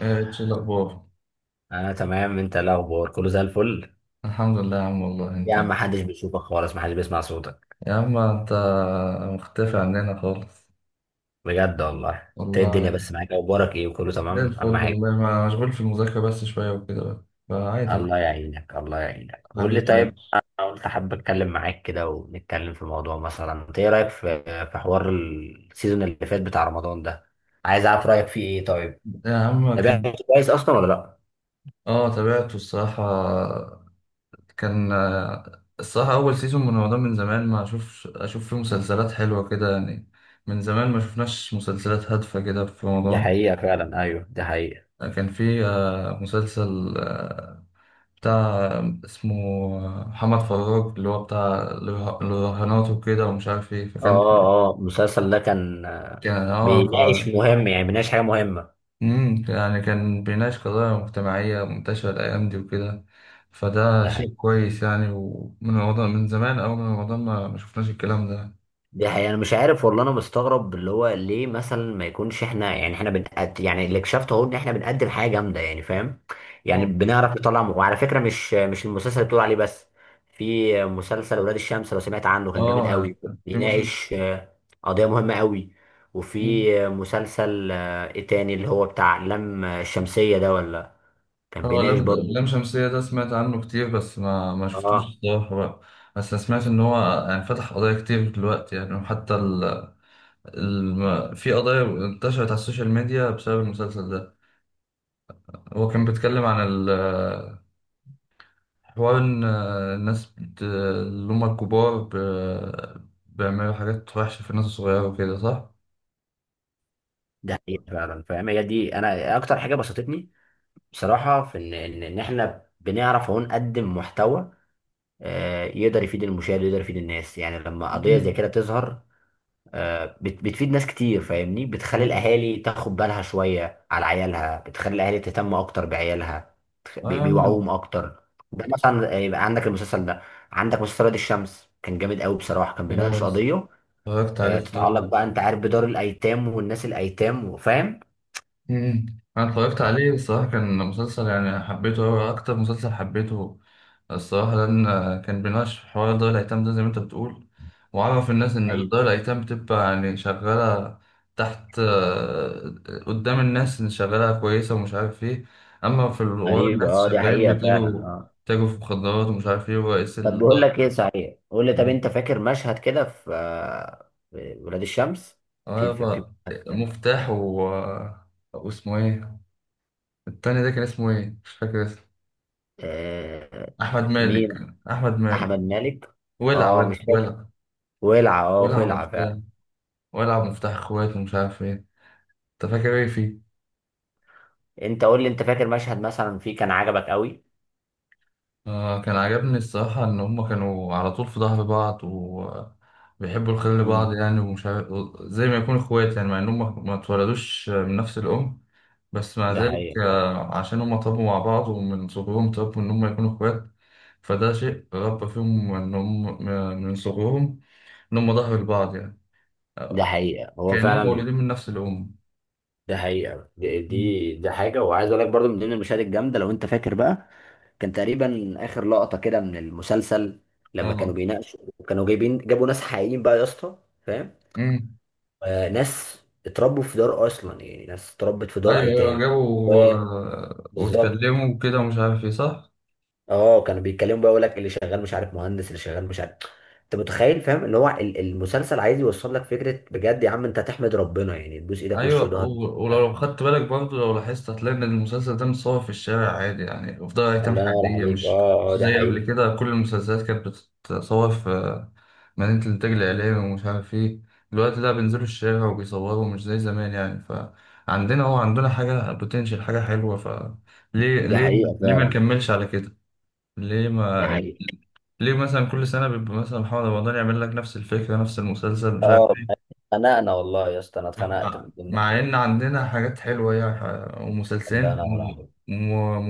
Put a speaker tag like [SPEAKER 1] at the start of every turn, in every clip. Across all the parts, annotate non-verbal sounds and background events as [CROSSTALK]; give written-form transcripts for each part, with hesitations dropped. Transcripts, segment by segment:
[SPEAKER 1] إيش الاخبار؟
[SPEAKER 2] انا تمام، انت إيه الاخبار؟ كله زي الفل.
[SPEAKER 1] الحمد لله يا عم، والله
[SPEAKER 2] يا عم
[SPEAKER 1] انت.
[SPEAKER 2] محدش بيشوفك خالص، محدش بيسمع صوتك.
[SPEAKER 1] يا عم انت مختفي عننا خالص.
[SPEAKER 2] بجد والله. انت إيه الدنيا
[SPEAKER 1] والله.
[SPEAKER 2] بس معاك؟ اخبارك ايه؟ وكله
[SPEAKER 1] زي
[SPEAKER 2] تمام
[SPEAKER 1] الفل
[SPEAKER 2] اهم حاجه.
[SPEAKER 1] والله. ما مشغول في المذاكره بس شويه وكده بقى فعادي.
[SPEAKER 2] الله يعينك، الله يعينك. قول لي
[SPEAKER 1] حبيبي
[SPEAKER 2] طيب،
[SPEAKER 1] ليش؟
[SPEAKER 2] انا قلت حابب اتكلم معاك كده ونتكلم في موضوع، مثلا انت ايه رايك في حوار السيزون اللي فات بتاع رمضان ده؟ عايز اعرف رايك فيه ايه؟ طيب،
[SPEAKER 1] يا عم كان.
[SPEAKER 2] تابعته كويس اصلا ولا لا؟
[SPEAKER 1] اه، تابعته الصراحه. كان الصراحه اول سيزون من رمضان، من زمان ما اشوفش اشوف فيه مسلسلات حلوه كده يعني. من زمان ما شفناش مسلسلات هادفه كده في
[SPEAKER 2] دي
[SPEAKER 1] رمضان.
[SPEAKER 2] حقيقه فعلا، ايوه دي حقيقه.
[SPEAKER 1] كان في مسلسل بتاع، اسمه، محمد فراج، اللي هو بتاع الرهانات وكده ومش عارف ايه.
[SPEAKER 2] اه
[SPEAKER 1] فكان
[SPEAKER 2] اه، المسلسل ده كان
[SPEAKER 1] كان اه ف
[SPEAKER 2] بيناقش مهم، يعني بيناقش حاجه مهمه.
[SPEAKER 1] يعني كان بيناقش قضايا مجتمعية منتشرة الأيام دي وكده. فده
[SPEAKER 2] ده
[SPEAKER 1] شيء كويس يعني، ومن رمضان، من زمان أوي، من رمضان ما شفناش الكلام ده.
[SPEAKER 2] دي حقيقة، أنا مش عارف والله، أنا مستغرب اللي هو ليه مثلا ما يكونش إحنا، يعني إحنا بنقد، يعني اللي اكتشفته أهو إن إحنا بنقدم حاجة جامدة يعني، فاهم؟ يعني
[SPEAKER 1] اه.
[SPEAKER 2] بنعرف نطلع وعلى فكرة، مش المسلسل اللي بتقول عليه بس. في مسلسل ولاد الشمس، لو سمعت عنه كان جامد
[SPEAKER 1] آه،
[SPEAKER 2] قوي.
[SPEAKER 1] في مسلسل.
[SPEAKER 2] بيناقش قضية مهمة قوي.
[SPEAKER 1] مم.
[SPEAKER 2] وفي مسلسل إيه تاني اللي هو بتاع لام الشمسية ده، ولا؟ كان
[SPEAKER 1] اه،
[SPEAKER 2] بيناقش
[SPEAKER 1] لم. لم
[SPEAKER 2] برضه.
[SPEAKER 1] شمسية ده سمعت عنه كتير، بس ما شفتوش
[SPEAKER 2] آه،
[SPEAKER 1] الصراحة بقى. بس أنا سمعت إن هو يعني فتح قضايا كتير دلوقتي يعني، وحتى ال... في قضايا انتشرت على السوشيال ميديا بسبب المسلسل ده. هو كان بيتكلم عن حوار ان الناس اللي هم الكبار بيعملوا حاجات وحشة في الناس الصغيرة وكده، صح؟
[SPEAKER 2] ده حقيقة فعلا، فاهم؟ هي دي، أنا أكتر حاجة بسطتني بصراحة في إن إحنا بنعرف أهو نقدم محتوى يقدر يفيد المشاهد ويقدر يفيد الناس، يعني لما قضية زي
[SPEAKER 1] مم.
[SPEAKER 2] كده تظهر بتفيد ناس كتير، فاهمني؟ بتخلي
[SPEAKER 1] آه.
[SPEAKER 2] الأهالي تاخد بالها شوية على عيالها، بتخلي الأهالي تهتم أكتر بعيالها،
[SPEAKER 1] اه، يا عم
[SPEAKER 2] بيوعوهم
[SPEAKER 1] انت-.
[SPEAKER 2] أكتر. ده مثلا يبقى عندك المسلسل ده، عندك مسلسل وادي الشمس كان جامد قوي بصراحة، كان بيناقش
[SPEAKER 1] اه،
[SPEAKER 2] قضية
[SPEAKER 1] اتفرجت عليه، صح.
[SPEAKER 2] تتعلق بقى، أنت عارف بدار الأيتام والناس الأيتام، وفاهم.
[SPEAKER 1] مم. انا اتفرجت عليه
[SPEAKER 2] فاهم.
[SPEAKER 1] الصراحه، كان مسلسل يعني حبيته أوي، اكتر مسلسل حبيته الصراحه، لان كان بيناقش في حوار دار الايتام ده زي ما انت بتقول. وعرف الناس ان دار الايتام بتبقى يعني شغاله تحت، قدام الناس ان شغاله كويسه ومش عارف ايه. اما في ورا،
[SPEAKER 2] غريب،
[SPEAKER 1] الناس
[SPEAKER 2] اه دي
[SPEAKER 1] شغالين
[SPEAKER 2] حقيقة فعلا،
[SPEAKER 1] بيتاجروا،
[SPEAKER 2] اه.
[SPEAKER 1] في مخدرات ومش عارف ايه، ورئيس
[SPEAKER 2] طب
[SPEAKER 1] الدار
[SPEAKER 2] بقول لك ايه صحيح، قول لي طب،
[SPEAKER 1] يعني.
[SPEAKER 2] انت فاكر مشهد كده في في ولاد الشمس؟
[SPEAKER 1] آه
[SPEAKER 2] في
[SPEAKER 1] يابا، مفتاح و...، واسمه ايه التاني ده؟ كان اسمه ايه؟ مش فاكر اسمه.
[SPEAKER 2] آه
[SPEAKER 1] احمد مالك.
[SPEAKER 2] مين؟
[SPEAKER 1] احمد مالك
[SPEAKER 2] احمد مالك.
[SPEAKER 1] ولع،
[SPEAKER 2] اه مش
[SPEAKER 1] ولع،
[SPEAKER 2] فاكر.
[SPEAKER 1] ولع.
[SPEAKER 2] ولع اه [LAUGHS]
[SPEAKER 1] ولع
[SPEAKER 2] ولع
[SPEAKER 1] مفتاح.
[SPEAKER 2] فعلا.
[SPEAKER 1] ولع مفتاح اخوات ومش عارف ايه. انت فاكر ايه فيه؟
[SPEAKER 2] انت قول لي، انت فاكر مشهد مثلا فيه كان عجبك قوي؟
[SPEAKER 1] آه، كان عجبني الصراحه ان هما كانوا على طول في ظهر بعض وبيحبوا الخير لبعض
[SPEAKER 2] امم
[SPEAKER 1] يعني، ومش عارف، زي ما يكونوا اخوات يعني. مع ان هما ما اتولدوش من نفس الام، بس مع
[SPEAKER 2] ده
[SPEAKER 1] ذلك
[SPEAKER 2] حقيقة فعلا.
[SPEAKER 1] آه عشان هما طابوا مع بعض، ومن صغرهم طابوا ان هما يكونوا اخوات. فده شيء ربى فيهم ان هم من صغرهم ان هم ظهر لبعض يعني،
[SPEAKER 2] ده
[SPEAKER 1] آه،
[SPEAKER 2] حقيقة هو
[SPEAKER 1] كأنهم
[SPEAKER 2] فعلا.
[SPEAKER 1] مولودين من نفس الأم.
[SPEAKER 2] ده حقيقة، دي
[SPEAKER 1] مم.
[SPEAKER 2] دي, دي حاجة، وعايز اقول لك برضو من ضمن المشاهد الجامدة لو انت فاكر بقى، كان تقريبا اخر لقطة كده من المسلسل لما كانوا
[SPEAKER 1] اه.
[SPEAKER 2] بيناقشوا. كانوا جايبين جابوا ناس حقيقيين بقى يا اسطى، فاهم؟
[SPEAKER 1] امم.
[SPEAKER 2] ناس اتربوا في دار اصلا، يعني ناس اتربت في دار
[SPEAKER 1] ايوه، ايوه،
[SPEAKER 2] ايتام.
[SPEAKER 1] جابوا
[SPEAKER 2] و- بالظبط.
[SPEAKER 1] واتكلموا وكده ومش عارف ايه، صح.
[SPEAKER 2] اه كانوا بيتكلموا بقى، يقول لك اللي شغال مش عارف مهندس، اللي شغال مش عارف. انت متخيل، فاهم؟ اللي هو المسلسل عايز يوصل لك فكره بجد، يا عم انت تحمد ربنا يعني تبوس ايدك
[SPEAKER 1] ايوه،
[SPEAKER 2] وش وظهر. آه،
[SPEAKER 1] ولو خدت بالك برضه، لو لاحظت هتلاقي ان المسلسل ده متصور في الشارع عادي يعني، في دار ايتام
[SPEAKER 2] الله ينور
[SPEAKER 1] حقيقيه.
[SPEAKER 2] عليك،
[SPEAKER 1] مش
[SPEAKER 2] اه اه
[SPEAKER 1] مش
[SPEAKER 2] دي
[SPEAKER 1] زي قبل
[SPEAKER 2] حقيقه.
[SPEAKER 1] كده، كل المسلسلات كانت بتتصور في مدينه الانتاج الاعلامي ومش عارف ايه. دلوقتي لا، بينزلوا الشارع وبيصوروا، مش زي زمان يعني. فعندنا هو عندنا حاجه بوتنشال، حاجه حلوه. فليه،
[SPEAKER 2] دي
[SPEAKER 1] ليه
[SPEAKER 2] حقيقه
[SPEAKER 1] ليه ما
[SPEAKER 2] فعلا.
[SPEAKER 1] نكملش على كده؟ ليه
[SPEAKER 2] دي
[SPEAKER 1] ما
[SPEAKER 2] حقيقه
[SPEAKER 1] ليه مثلا كل سنة بيبقى مثلا محمد رمضان يعمل لك نفس الفكرة، نفس المسلسل مش عارف
[SPEAKER 2] اه.
[SPEAKER 1] ايه،
[SPEAKER 2] اتخنقنا والله يا اسطى، انا اتخنقت من
[SPEAKER 1] مع
[SPEAKER 2] الجمله
[SPEAKER 1] مع إن
[SPEAKER 2] دي.
[SPEAKER 1] عندنا حاجات حلوة يعني،
[SPEAKER 2] الله
[SPEAKER 1] ومسلسلين،
[SPEAKER 2] ينور عليك.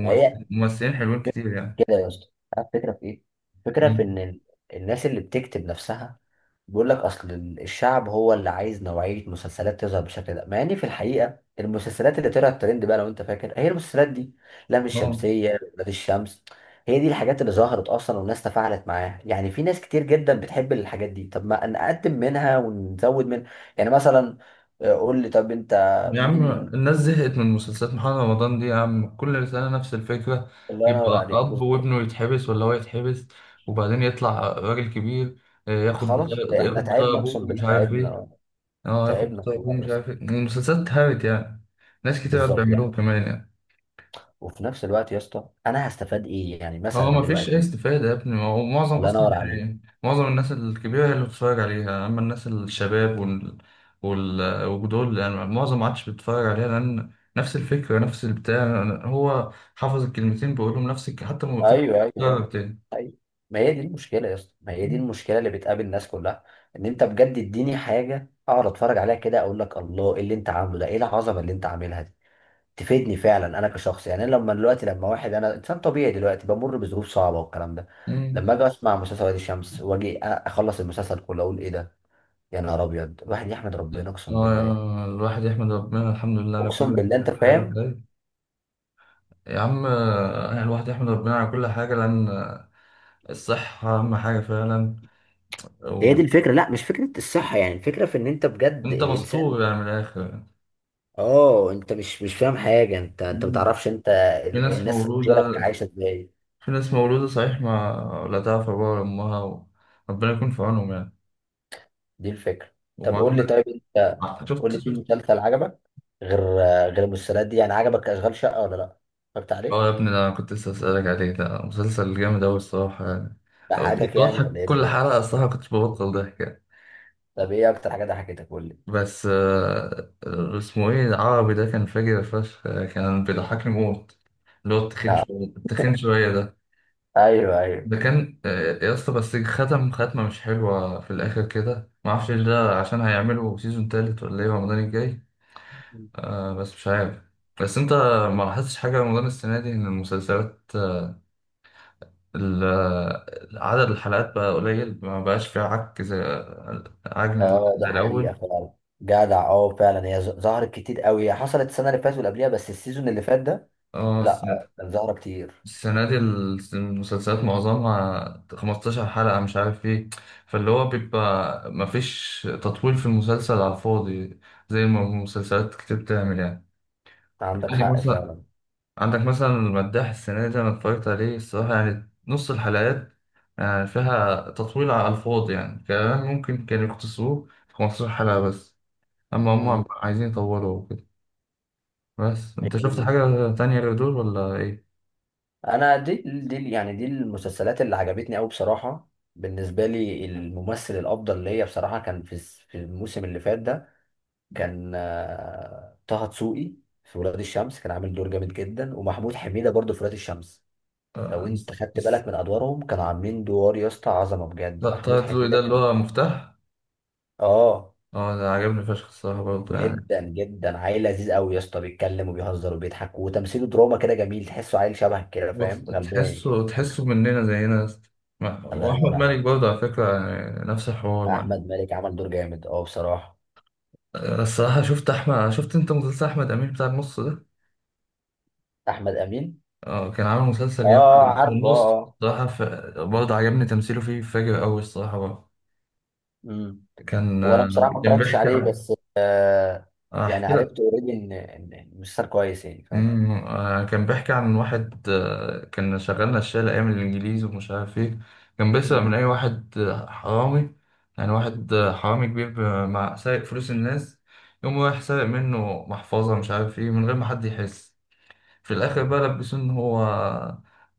[SPEAKER 2] ما هي
[SPEAKER 1] ممثلين حلوين كتير يعني.
[SPEAKER 2] كده يا اسطى، عارف الفكره في ايه؟ الفكره في ان الناس اللي بتكتب نفسها بيقول لك اصل الشعب هو اللي عايز نوعيه مسلسلات تظهر بالشكل ده، مع ان في الحقيقه المسلسلات اللي طلعت ترند بقى لو انت فاكر هي المسلسلات دي، لام
[SPEAKER 1] اه
[SPEAKER 2] الشمسيه، ولاد الشمس. هي دي الحاجات اللي ظهرت اصلا والناس تفاعلت معاها، يعني في ناس كتير جدا بتحب الحاجات دي، طب ما نقدم منها ونزود منها. يعني مثلا قول لي طب، انت
[SPEAKER 1] يا عم،
[SPEAKER 2] مين؟
[SPEAKER 1] الناس زهقت من مسلسلات محمد رمضان دي يا عم. كل سنة نفس الفكرة،
[SPEAKER 2] الله
[SPEAKER 1] يبقى
[SPEAKER 2] ينور عليك.
[SPEAKER 1] أب وابنه يتحبس ولا هو يتحبس، وبعدين يطلع راجل كبير،
[SPEAKER 2] خلاص ده احنا
[SPEAKER 1] ياخد بطاقة
[SPEAKER 2] تعبنا
[SPEAKER 1] أبوه
[SPEAKER 2] اقسم
[SPEAKER 1] ومش
[SPEAKER 2] بالله،
[SPEAKER 1] عارف إيه.
[SPEAKER 2] تعبنا.
[SPEAKER 1] اه، ياخد
[SPEAKER 2] تعبنا
[SPEAKER 1] طيبون
[SPEAKER 2] والله يا
[SPEAKER 1] مش
[SPEAKER 2] اسطى.
[SPEAKER 1] عارف ايه. المسلسلات اتهرت يعني. ناس كتير قاعد
[SPEAKER 2] بالظبط
[SPEAKER 1] بيعملوها
[SPEAKER 2] يعني،
[SPEAKER 1] كمان يعني.
[SPEAKER 2] وفي نفس الوقت يا اسطى، انا هستفاد ايه يعني مثلا
[SPEAKER 1] اه، ما فيش اي
[SPEAKER 2] دلوقتي؟
[SPEAKER 1] استفادة يا ابني. ما هو معظم
[SPEAKER 2] الله
[SPEAKER 1] اصلا
[SPEAKER 2] ينور عليك.
[SPEAKER 1] يعني، معظم الناس الكبيرة هي اللي بتتفرج عليها. اما الناس الشباب وال وال ودول يعني، معظم ما عادش بيتفرج عليها، لان نفس الفكرة، نفس البتاع، هو حافظ الكلمتين بيقولهم، نفس حتى ما فكرة
[SPEAKER 2] ايوه،
[SPEAKER 1] بتتكرر
[SPEAKER 2] ايوه،
[SPEAKER 1] تاني.
[SPEAKER 2] ايوه. ما هي دي المشكله يا اسطى، ما هي دي المشكله اللي بتقابل الناس كلها، ان انت بجد اديني حاجه اقعد اتفرج عليها كده اقول لك الله، ايه اللي انت عامله ده، ايه العظمه اللي انت عاملها دي؟ تفيدني فعلا انا كشخص يعني. أنا لما دلوقتي، لما واحد، انا انسان طبيعي دلوقتي بمر بظروف صعبه والكلام ده،
[SPEAKER 1] مم.
[SPEAKER 2] لما اجي اسمع مسلسل وادي الشمس واجي اخلص المسلسل كله اقول ايه ده. يا نهار ابيض، الواحد يحمد ربنا اقسم بالله.
[SPEAKER 1] اه، الواحد يحمد ربنا، الحمد لله على
[SPEAKER 2] اقسم
[SPEAKER 1] كل
[SPEAKER 2] بالله، انت
[SPEAKER 1] حاجة.
[SPEAKER 2] فاهم.
[SPEAKER 1] ازاي؟ يا عم الواحد يحمد ربنا على كل حاجة، لأن الصحة أهم حاجة فعلا.
[SPEAKER 2] هي دي
[SPEAKER 1] وأنت
[SPEAKER 2] الفكره، لا مش فكره الصحه يعني، الفكره في ان انت بجد الانسان.
[SPEAKER 1] مستور يعني، من الآخر يعني.
[SPEAKER 2] اه انت مش فاهم حاجه، انت ما
[SPEAKER 1] مم.
[SPEAKER 2] تعرفش انت
[SPEAKER 1] في ناس
[SPEAKER 2] الناس غيرك
[SPEAKER 1] مولودة،
[SPEAKER 2] عايشه ازاي.
[SPEAKER 1] صحيح ما لا تعرف أبوها ولا أمها، وربنا يكون في عونهم يعني.
[SPEAKER 2] دي الفكره. طب قول لي
[SPEAKER 1] وعندك.
[SPEAKER 2] طيب انت، قول لي في
[SPEAKER 1] شفت؟
[SPEAKER 2] مسلسل عجبك غير غير المسلسلات دي، يعني عجبك اشغال شقه ولا لا؟ اتفرجت
[SPEAKER 1] اه يا
[SPEAKER 2] عليه؟
[SPEAKER 1] ابني، ده أنا كنت لسه أسألك عليه. ده مسلسل جامد أوي الصراحة يعني. كنت
[SPEAKER 2] ضحكك يعني
[SPEAKER 1] بضحك
[SPEAKER 2] ولا ايه
[SPEAKER 1] كل
[SPEAKER 2] الدنيا؟
[SPEAKER 1] حلقة الصراحة، كنت ببطل ضحك يعني.
[SPEAKER 2] طب ايه اكتر حاجه ضحكتك؟ قول لي.
[SPEAKER 1] بس اسمه إيه العربي ده، كان فاجر فشخ، كان بيضحكني موت. اللي هو التخين
[SPEAKER 2] لا.
[SPEAKER 1] شوية، التخين شوية.
[SPEAKER 2] ايوه ايوه،
[SPEAKER 1] ده كان يا اسطى بس ختم ختمة مش حلوة في الآخر كده، معرفش إيه ده، عشان هيعملوا سيزون تالت ولا إيه رمضان الجاي. آه بس مش عارف. بس أنت ما لاحظتش حاجة رمضان السنة دي إن المسلسلات ال- آه، عدد الحلقات بقى قليل، ما بقاش فيها عك زي، عجن
[SPEAKER 2] اه دي
[SPEAKER 1] زي الأول.
[SPEAKER 2] حقيقه فعلا. جدع، اه فعلا، هي ظهرت كتير قوي، هي حصلت السنه اللي فاتت واللي قبليها، بس السيزون اللي فات ده
[SPEAKER 1] اه.
[SPEAKER 2] لا، كان ظاهرة كتير.
[SPEAKER 1] السنة دي المسلسلات معظمها 15 حلقة مش عارف ايه. فاللي هو بيبقى مفيش تطويل في المسلسل على الفاضي زي ما مسلسلات كتير بتعمل يعني.
[SPEAKER 2] عندك
[SPEAKER 1] عندك
[SPEAKER 2] حق
[SPEAKER 1] مثلا،
[SPEAKER 2] فعلا.
[SPEAKER 1] عندك مثلا المداح السنة دي، أنا اتفرجت عليه الصراحة، يعني نص الحلقات يعني فيها تطويل على الفاضي يعني. كمان ممكن كانوا يختصروه في 15 حلقة بس، أما
[SPEAKER 2] مم.
[SPEAKER 1] هم عايزين يطولوا وكده. بس أنت شفت حاجة تانية غير دول ولا ايه؟
[SPEAKER 2] انا، دي يعني دي المسلسلات اللي عجبتني قوي بصراحة. بالنسبة لي الممثل الافضل ليا بصراحة كان في في الموسم اللي فات ده، كان طه دسوقي في ولاد الشمس، كان عامل دور جامد جدا، ومحمود حميدة برضه في ولاد الشمس. لو
[SPEAKER 1] آه،
[SPEAKER 2] انت خدت بالك من ادوارهم، كانوا عاملين دور يا اسطى عظمة
[SPEAKER 1] لا،
[SPEAKER 2] بجد.
[SPEAKER 1] طه
[SPEAKER 2] محمود
[SPEAKER 1] دلوقتي
[SPEAKER 2] حميدة
[SPEAKER 1] ده اللي
[SPEAKER 2] كان
[SPEAKER 1] هو مفتاح.
[SPEAKER 2] اه
[SPEAKER 1] اه، ده عجبني فشخ الصراحة برضه يعني.
[SPEAKER 2] جدا جدا، عيل لذيذ قوي يا اسطى، بيتكلم وبيهزر وبيضحك وتمثيله دراما كده جميل، تحسه عيل شبهك كده،
[SPEAKER 1] بص،
[SPEAKER 2] فاهم؟ غمباي كده.
[SPEAKER 1] تحسه مننا زينا يا اسطى. ما-.
[SPEAKER 2] الله
[SPEAKER 1] وأحمد
[SPEAKER 2] ينور
[SPEAKER 1] مالك
[SPEAKER 2] عليك يا اسطى.
[SPEAKER 1] برضه على فكرة يعني نفس الحوار معاه.
[SPEAKER 2] احمد مالك عمل دور جامد، اه بصراحه.
[SPEAKER 1] أنا الصراحة شفت أنت مسلسل أحمد أمين بتاع النص ده؟
[SPEAKER 2] احمد امين،
[SPEAKER 1] اه، كان عامل مسلسل جامد
[SPEAKER 2] اه
[SPEAKER 1] اسمه
[SPEAKER 2] عارفه،
[SPEAKER 1] النص
[SPEAKER 2] اه.
[SPEAKER 1] الصراحة ف... برضه عجبني تمثيله فيه، فاجر أوي الصراحة برضه.
[SPEAKER 2] امم
[SPEAKER 1] كان
[SPEAKER 2] هو انا
[SPEAKER 1] آه،
[SPEAKER 2] بصراحه ما
[SPEAKER 1] كان
[SPEAKER 2] اتفرجتش
[SPEAKER 1] بيحكي
[SPEAKER 2] عليه
[SPEAKER 1] عن.
[SPEAKER 2] بس يعني
[SPEAKER 1] أحكي لك.
[SPEAKER 2] عرفت اوريدي ان ان إن مسلسل كويس يعني، فاهم؟
[SPEAKER 1] كان بيحكي عن واحد كان شغال نشال أيام الإنجليز ومش عارف إيه. كان بيسرق من
[SPEAKER 2] امم.
[SPEAKER 1] أي واحد حرامي يعني. واحد حرامي كبير، مع سارق فلوس الناس. يقوم رايح سارق منه محفظة مش عارف إيه من غير ما حد يحس. في الآخر بقى
[SPEAKER 2] أمم.
[SPEAKER 1] لبسوه إن هو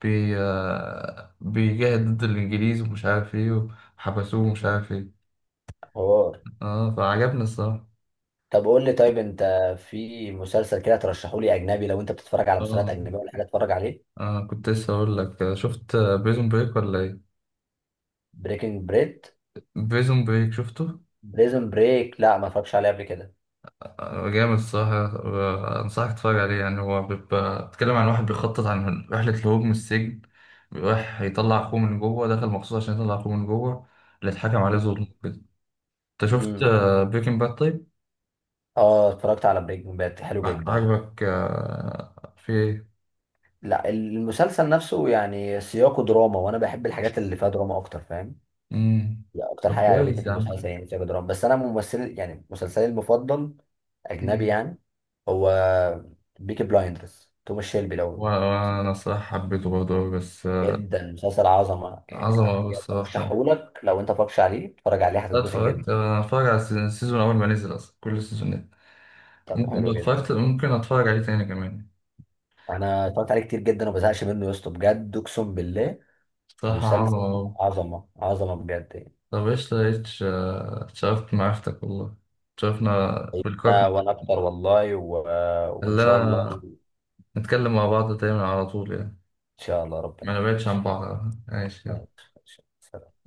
[SPEAKER 1] بي آه، بيجاهد ضد الإنجليز ومش عارف إيه، وحبسوه ومش عارف إيه.
[SPEAKER 2] حوار.
[SPEAKER 1] آه، فعجبني الصراحة.
[SPEAKER 2] طب قول لي طيب انت، في مسلسل كده ترشحه لي اجنبي لو انت بتتفرج على مسلسلات
[SPEAKER 1] آه
[SPEAKER 2] اجنبيه ولا حاجه اتفرج عليه؟
[SPEAKER 1] كنت لسه أقول لك. شفت بريزون بريك ولا إيه؟
[SPEAKER 2] بريكنج بريد.
[SPEAKER 1] بريزون بريك شفته؟
[SPEAKER 2] بريزون بريك، لا ما اتفرجش عليه قبل كده.
[SPEAKER 1] جامد الصراحة. أنصحك تتفرج عليه يعني. هو بيبقى بيتكلم عن واحد بيخطط عن رحلة الهروب من السجن. رايح يطلع أخوه من جوه، دخل مخصوص عشان يطلع أخوه من جوه، اللي اتحكم عليه ظلم
[SPEAKER 2] امم،
[SPEAKER 1] كده. أنت شفت
[SPEAKER 2] امم.
[SPEAKER 1] بريكنج باد طيب؟
[SPEAKER 2] اه اتفرجت على بريكنج باد، حلو جدا.
[SPEAKER 1] عجبك في إيه؟
[SPEAKER 2] لا المسلسل نفسه يعني سياقه دراما، وانا بحب الحاجات اللي فيها دراما اكتر، فاهم؟
[SPEAKER 1] مم.
[SPEAKER 2] يعني اكتر
[SPEAKER 1] طب
[SPEAKER 2] حاجه عجبتني
[SPEAKER 1] كويس
[SPEAKER 2] في
[SPEAKER 1] يا
[SPEAKER 2] المسلسل
[SPEAKER 1] عم.
[SPEAKER 2] يعني سياق دراما، بس انا ممثل يعني مسلسلي المفضل اجنبي
[SPEAKER 1] مم.
[SPEAKER 2] يعني، هو بيكي بلايندرز، توماس شيلبي. لو
[SPEAKER 1] وأنا الصراحة حبيته برضه أوي، بس.
[SPEAKER 2] جدا مسلسل عظمه
[SPEAKER 1] عظمة
[SPEAKER 2] يعني
[SPEAKER 1] أوي
[SPEAKER 2] بجد،
[SPEAKER 1] الصراحة.
[SPEAKER 2] ارشحهولك لو انت متفرجش عليه، اتفرج عليه
[SPEAKER 1] لا،
[SPEAKER 2] هتتبسط جدا.
[SPEAKER 1] اتفرجت، أنا أتفرج على السيزون أول ما نزل أصلا، كل سيزونات
[SPEAKER 2] طب
[SPEAKER 1] ممكن ده
[SPEAKER 2] حلو جدا.
[SPEAKER 1] اتفرجت، ممكن أتفرج عليه تاني كمان.
[SPEAKER 2] انا اتفرجت عليه كتير جدا وما بزهقش منه يا اسطى بجد اقسم بالله.
[SPEAKER 1] بصراحة
[SPEAKER 2] مسلسل
[SPEAKER 1] عظمة أوي.
[SPEAKER 2] عظمه عظمه بجد يعني.
[SPEAKER 1] طب إيش لقيتش، اتشرفت بمعرفتك والله. اتشرفنا
[SPEAKER 2] انا
[SPEAKER 1] بالكوكب.
[SPEAKER 2] وانا اكتر والله. و وان شاء الله،
[SPEAKER 1] خلينا
[SPEAKER 2] ان
[SPEAKER 1] نتكلم مع بعض دايما على طول يعني،
[SPEAKER 2] شاء الله ربنا
[SPEAKER 1] ما
[SPEAKER 2] يكرمك.
[SPEAKER 1] نبعدش عن
[SPEAKER 2] ماشي،
[SPEAKER 1] بعض. ماشي، يلا.
[SPEAKER 2] ماشي، سلام.